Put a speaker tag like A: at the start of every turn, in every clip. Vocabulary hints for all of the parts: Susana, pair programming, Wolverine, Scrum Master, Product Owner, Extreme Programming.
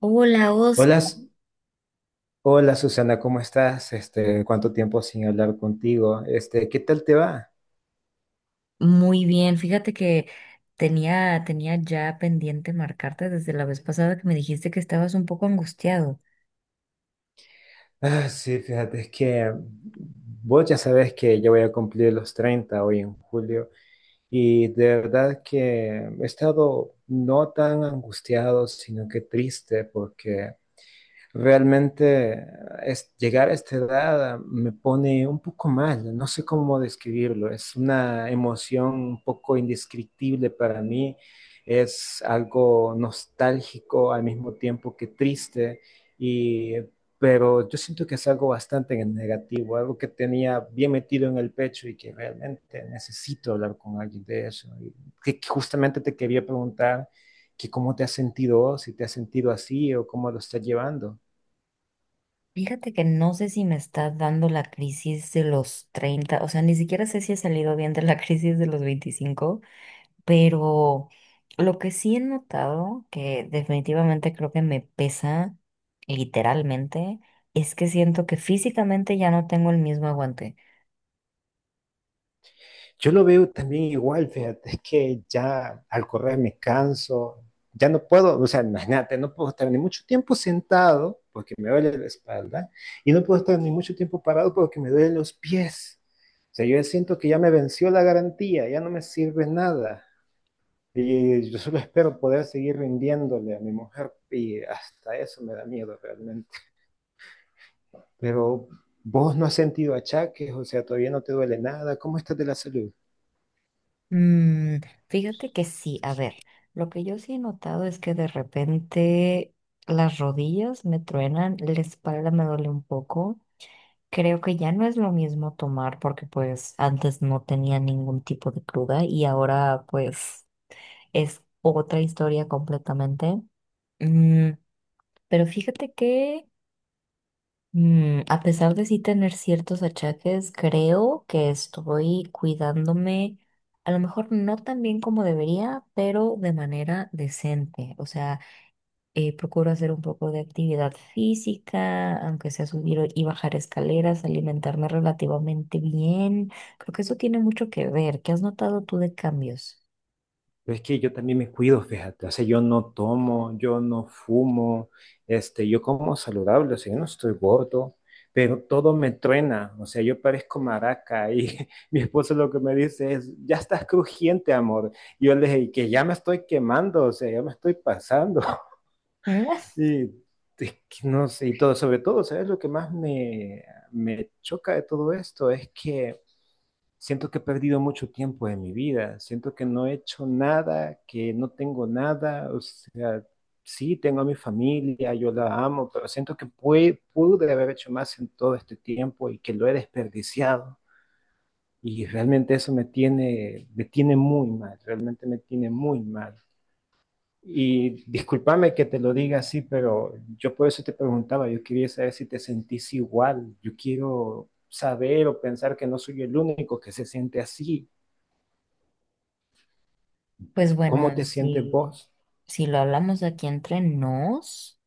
A: Hola,
B: Hola,
A: Oscar.
B: Hola Susana, ¿cómo estás? Este, ¿cuánto tiempo sin hablar contigo? Este, ¿qué tal te va?
A: Muy bien, fíjate que tenía ya pendiente marcarte desde la vez pasada que me dijiste que estabas un poco angustiado.
B: Ah, sí, fíjate, es que vos ya sabes que yo voy a cumplir los 30 hoy en julio y de verdad que he estado no tan angustiado, sino que triste porque realmente es, llegar a esta edad me pone un poco mal, no sé cómo describirlo, es una emoción un poco indescriptible para mí, es algo nostálgico al mismo tiempo que triste, y, pero yo siento que es algo bastante negativo, algo que tenía bien metido en el pecho y que realmente necesito hablar con alguien de eso. Y que justamente te quería preguntar que cómo te has sentido, si te has sentido así o cómo lo estás llevando.
A: Fíjate que no sé si me está dando la crisis de los 30, o sea, ni siquiera sé si he salido bien de la crisis de los 25, pero lo que sí he notado, que definitivamente creo que me pesa literalmente, es que siento que físicamente ya no tengo el mismo aguante.
B: Yo lo veo también igual, fíjate, es que ya al correr me canso, ya no puedo, o sea, imagínate, no puedo estar ni mucho tiempo sentado porque me duele la espalda y no puedo estar ni mucho tiempo parado porque me duelen los pies. O sea, yo ya siento que ya me venció la garantía, ya no me sirve nada. Y yo solo espero poder seguir rindiéndole a mi mujer y hasta eso me da miedo realmente. Pero vos no has sentido achaques, o sea, todavía no te duele nada. ¿Cómo estás de la salud?
A: Mm, Fíjate que sí, a ver, lo que yo sí he notado es que de repente las rodillas me truenan, la espalda me duele un poco. Creo que ya no es lo mismo tomar porque pues antes no tenía ningún tipo de cruda y ahora pues es otra historia completamente. Mm, pero fíjate que a pesar de sí tener ciertos achaques, creo que estoy cuidándome, a lo mejor no tan bien como debería, pero de manera decente. O sea, procuro hacer un poco de actividad física, aunque sea subir y bajar escaleras, alimentarme relativamente bien. Creo que eso tiene mucho que ver. ¿Qué has notado tú de cambios?
B: Pero es que yo también me cuido, fíjate, o sea, yo no tomo, yo no fumo, este, yo como saludable, o sea, yo no estoy gordo, pero todo me truena, o sea, yo parezco maraca y mi esposo lo que me dice es, ya estás crujiente, amor. Y yo le dije, "Y que ya me estoy quemando, o sea, ya me estoy pasando."
A: Mm.
B: Y es que no sé, y todo, sobre todo, ¿sabes? Lo que más me choca de todo esto es que siento que he perdido mucho tiempo de mi vida, siento que no he hecho nada, que no tengo nada, o sea, sí, tengo a mi familia, yo la amo, pero siento que pude haber hecho más en todo este tiempo y que lo he desperdiciado. Y realmente eso me tiene muy mal, realmente me tiene muy mal. Y discúlpame que te lo diga así, pero yo por eso te preguntaba, yo quería saber si te sentís igual, yo quiero saber o pensar que no soy el único que se siente así.
A: Pues
B: ¿Cómo
A: bueno,
B: te sientes
A: si,
B: vos?
A: si lo hablamos aquí entre nos.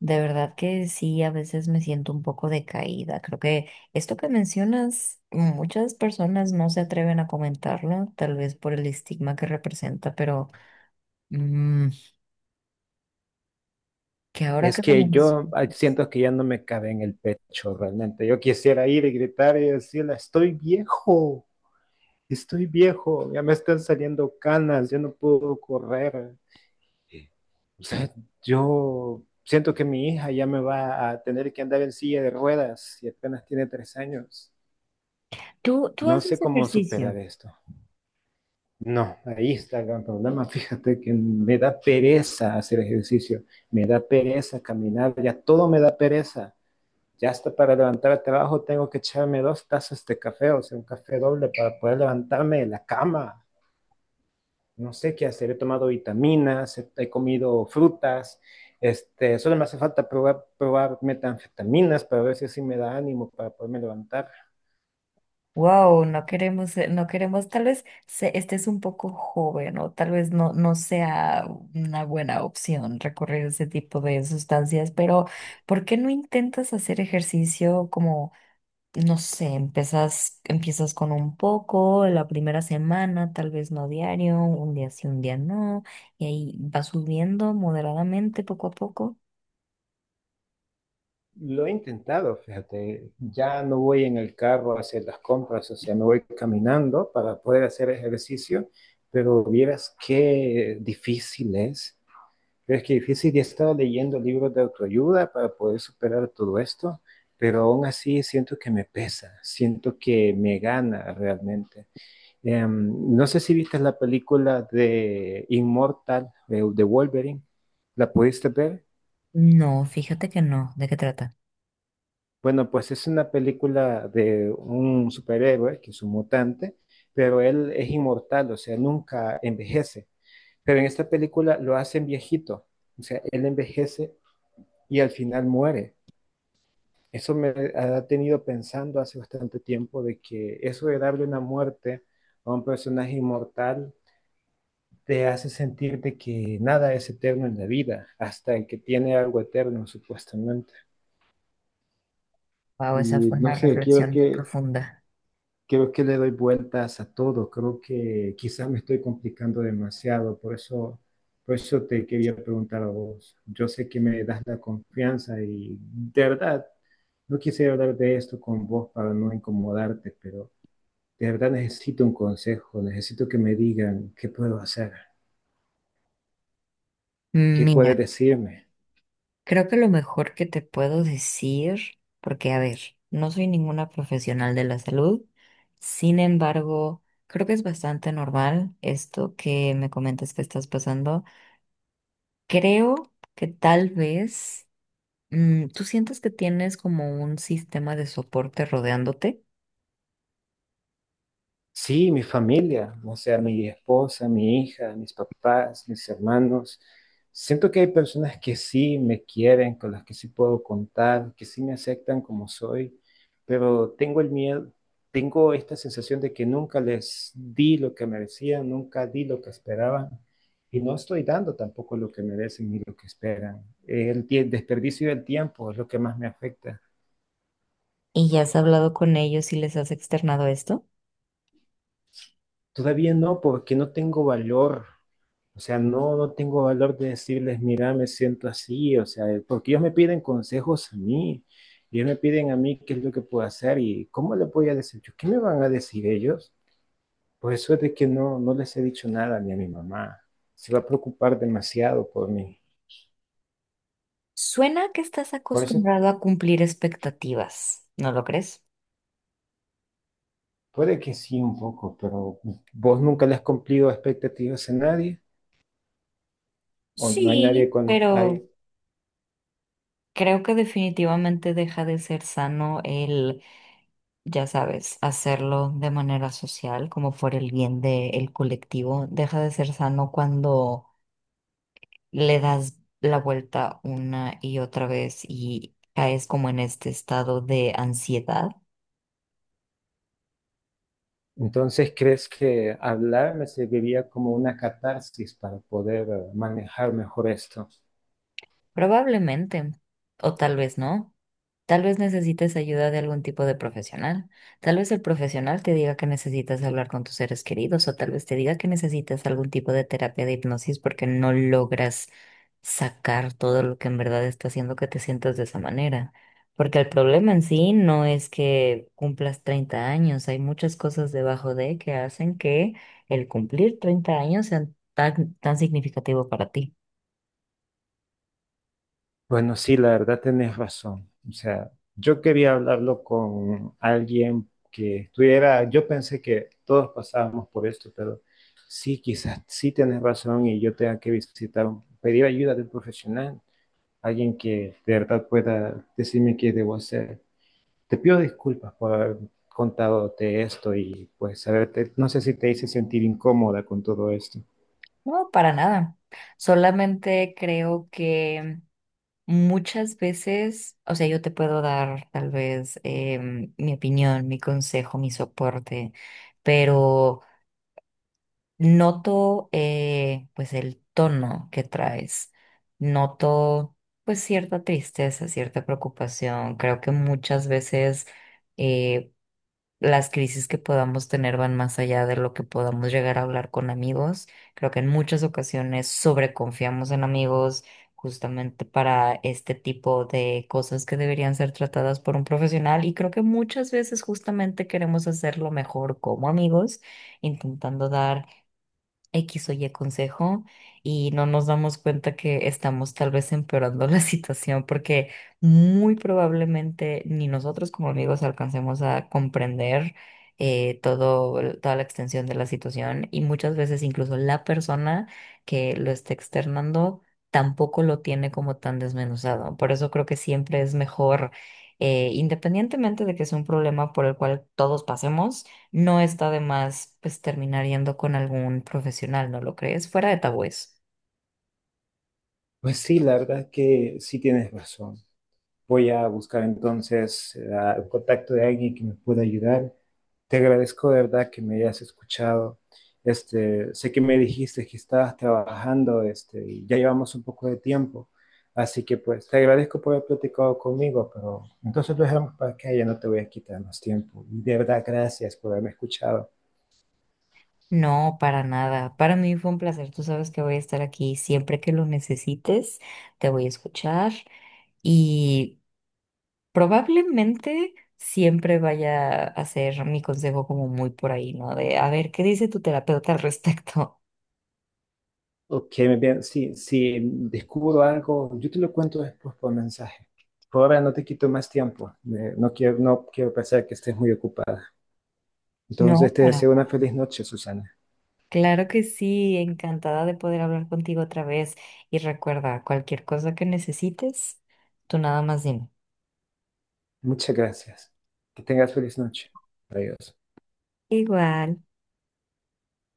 A: De verdad que sí, a veces me siento un poco decaída. Creo que esto que mencionas, muchas personas no se atreven a comentarlo, tal vez por el estigma que representa, pero mm, que ahora
B: Es
A: que lo
B: que
A: menc-
B: yo siento que ya no me cabe en el pecho realmente. Yo quisiera ir y gritar y decirle, estoy viejo, ya me están saliendo canas, ya no puedo correr. O sea, yo siento que mi hija ya me va a tener que andar en silla de ruedas y apenas tiene 3 años.
A: ¿Tú
B: No sé
A: haces
B: cómo superar
A: ejercicio?
B: esto. No, ahí está el gran problema. Fíjate que me da pereza hacer ejercicio, me da pereza caminar, ya todo me da pereza. Ya hasta para levantar el trabajo tengo que echarme 2 tazas de café, o sea, un café doble para poder levantarme de la cama. No sé qué hacer, he tomado vitaminas, he comido frutas, este, solo me hace falta probar, probar metanfetaminas para ver si así me da ánimo para poderme levantar.
A: Wow, no queremos, no queremos, tal vez estés un poco joven o tal vez no, no sea una buena opción recorrer ese tipo de sustancias, pero ¿por qué no intentas hacer ejercicio como? No sé, empiezas con un poco, la primera semana, tal vez no diario, un día sí, un día no, y ahí va subiendo moderadamente poco a poco.
B: Lo he intentado, fíjate, ya no voy en el carro a hacer las compras, o sea, me voy caminando para poder hacer ejercicio, pero vieras qué difícil es. Pero es que difícil, he estado leyendo libros de autoayuda para poder superar todo esto, pero aún así siento que me pesa, siento que me gana realmente. No sé si viste la película de Inmortal, de Wolverine, ¿la pudiste ver?
A: No, fíjate que no. ¿De qué trata?
B: Bueno, pues es una película de un superhéroe que es un mutante, pero él es inmortal, o sea, nunca envejece. Pero en esta película lo hacen viejito, o sea, él envejece y al final muere. Eso me ha tenido pensando hace bastante tiempo de que eso de darle una muerte a un personaje inmortal te hace sentir de que nada es eterno en la vida, hasta el que tiene algo eterno, supuestamente.
A: Wow, esa
B: Y
A: fue
B: no
A: una
B: sé, quiero
A: reflexión bien
B: que
A: profunda.
B: creo que le doy vueltas a todo, creo que quizás me estoy complicando demasiado, por eso te quería preguntar a vos. Yo sé que me das la confianza y de verdad, no quise hablar de esto con vos para no incomodarte, pero de verdad necesito un consejo, necesito que me digan qué puedo hacer, qué puedes
A: Mira,
B: decirme.
A: creo que lo mejor que te puedo decir, porque a ver, no soy ninguna profesional de la salud, sin embargo, creo que es bastante normal esto que me comentas que estás pasando. Creo que tal vez tú sientes que tienes como un sistema de soporte rodeándote
B: Sí, mi familia, o sea, mi esposa, mi hija, mis papás, mis hermanos. Siento que hay personas que sí me quieren, con las que sí puedo contar, que sí me aceptan como soy, pero tengo el miedo, tengo esta sensación de que nunca les di lo que merecían, nunca di lo que esperaban y no estoy dando tampoco lo que merecen ni lo que esperan. Desperdicio del tiempo es lo que más me afecta.
A: y ya has hablado con ellos y les has externado esto.
B: Todavía no, porque no tengo valor. O sea, no tengo valor de decirles, mira, me siento así, o sea, porque ellos me piden consejos a mí, ellos me piden a mí qué es lo que puedo hacer y cómo le voy a decir yo, ¿qué me van a decir ellos? Por eso es de que no les he dicho nada ni a mi mamá, se va a preocupar demasiado por mí.
A: Suena que estás
B: Por eso
A: acostumbrado a cumplir expectativas, ¿no lo crees?
B: puede que sí un poco, pero vos nunca le has cumplido expectativas a nadie, o no hay nadie
A: Sí,
B: con,
A: pero
B: hay-
A: creo que definitivamente deja de ser sano el, ya sabes, hacerlo de manera social, como por el bien del colectivo. Deja de ser sano cuando le das la vuelta una y otra vez y caes como en este estado de ansiedad.
B: Entonces, ¿crees que hablar me serviría como una catarsis para poder manejar mejor esto?
A: Probablemente, o tal vez no. Tal vez necesites ayuda de algún tipo de profesional. Tal vez el profesional te diga que necesitas hablar con tus seres queridos o tal vez te diga que necesitas algún tipo de terapia de hipnosis porque no logras sacar todo lo que en verdad está haciendo que te sientas de esa manera. Porque el problema en sí no es que cumplas 30 años, hay muchas cosas debajo de que hacen que el cumplir 30 años sea tan, tan significativo para ti.
B: Bueno, sí, la verdad tenés razón. O sea, yo quería hablarlo con alguien que estuviera, yo pensé que todos pasábamos por esto, pero sí, quizás sí tenés razón y yo tenga que visitar, pedir ayuda de un profesional, alguien que de verdad pueda decirme qué debo hacer. Te pido disculpas por haber contadote esto y pues no sé si te hice sentir incómoda con todo esto.
A: No, para nada. Solamente creo que muchas veces, o sea, yo te puedo dar tal vez mi opinión, mi consejo, mi soporte, pero noto pues el tono que traes. Noto pues cierta tristeza, cierta preocupación. Creo que muchas veces eh, las crisis que podamos tener van más allá de lo que podamos llegar a hablar con amigos. Creo que en muchas ocasiones sobreconfiamos en amigos justamente para este tipo de cosas que deberían ser tratadas por un profesional y creo que muchas veces justamente queremos hacerlo mejor como amigos, intentando dar X o Y consejo y no nos damos cuenta que estamos tal vez empeorando la situación porque muy probablemente ni nosotros como amigos alcancemos a comprender todo, toda la extensión de la situación y muchas veces incluso la persona que lo está externando tampoco lo tiene como tan desmenuzado. Por eso creo que siempre es mejor, independientemente de que es un problema por el cual todos pasemos, no está de más pues terminar yendo con algún profesional, ¿no lo crees? Fuera de tabúes.
B: Pues sí, la verdad es que sí tienes razón. Voy a buscar entonces el contacto de alguien que me pueda ayudar. Te agradezco de verdad que me hayas escuchado. Este, sé que me dijiste que estabas trabajando, este, y ya llevamos un poco de tiempo. Así que pues te agradezco por haber platicado conmigo, pero entonces lo dejamos para que ya no te voy a quitar más tiempo. Y de verdad, gracias por haberme escuchado.
A: No, para nada. Para mí fue un placer. Tú sabes que voy a estar aquí siempre que lo necesites. Te voy a escuchar y probablemente siempre vaya a ser mi consejo como muy por ahí, ¿no? De a ver, ¿qué dice tu terapeuta al respecto?
B: Ok, me bien. Sí, si descubro algo, yo te lo cuento después por mensaje. Por ahora no te quito más tiempo. No quiero pensar que estés muy ocupada. Entonces
A: No,
B: te
A: para
B: deseo
A: nada.
B: una feliz noche, Susana.
A: Claro que sí, encantada de poder hablar contigo otra vez. Y recuerda, cualquier cosa que necesites, tú nada más dime.
B: Muchas gracias. Que tengas feliz noche. Adiós.
A: Igual.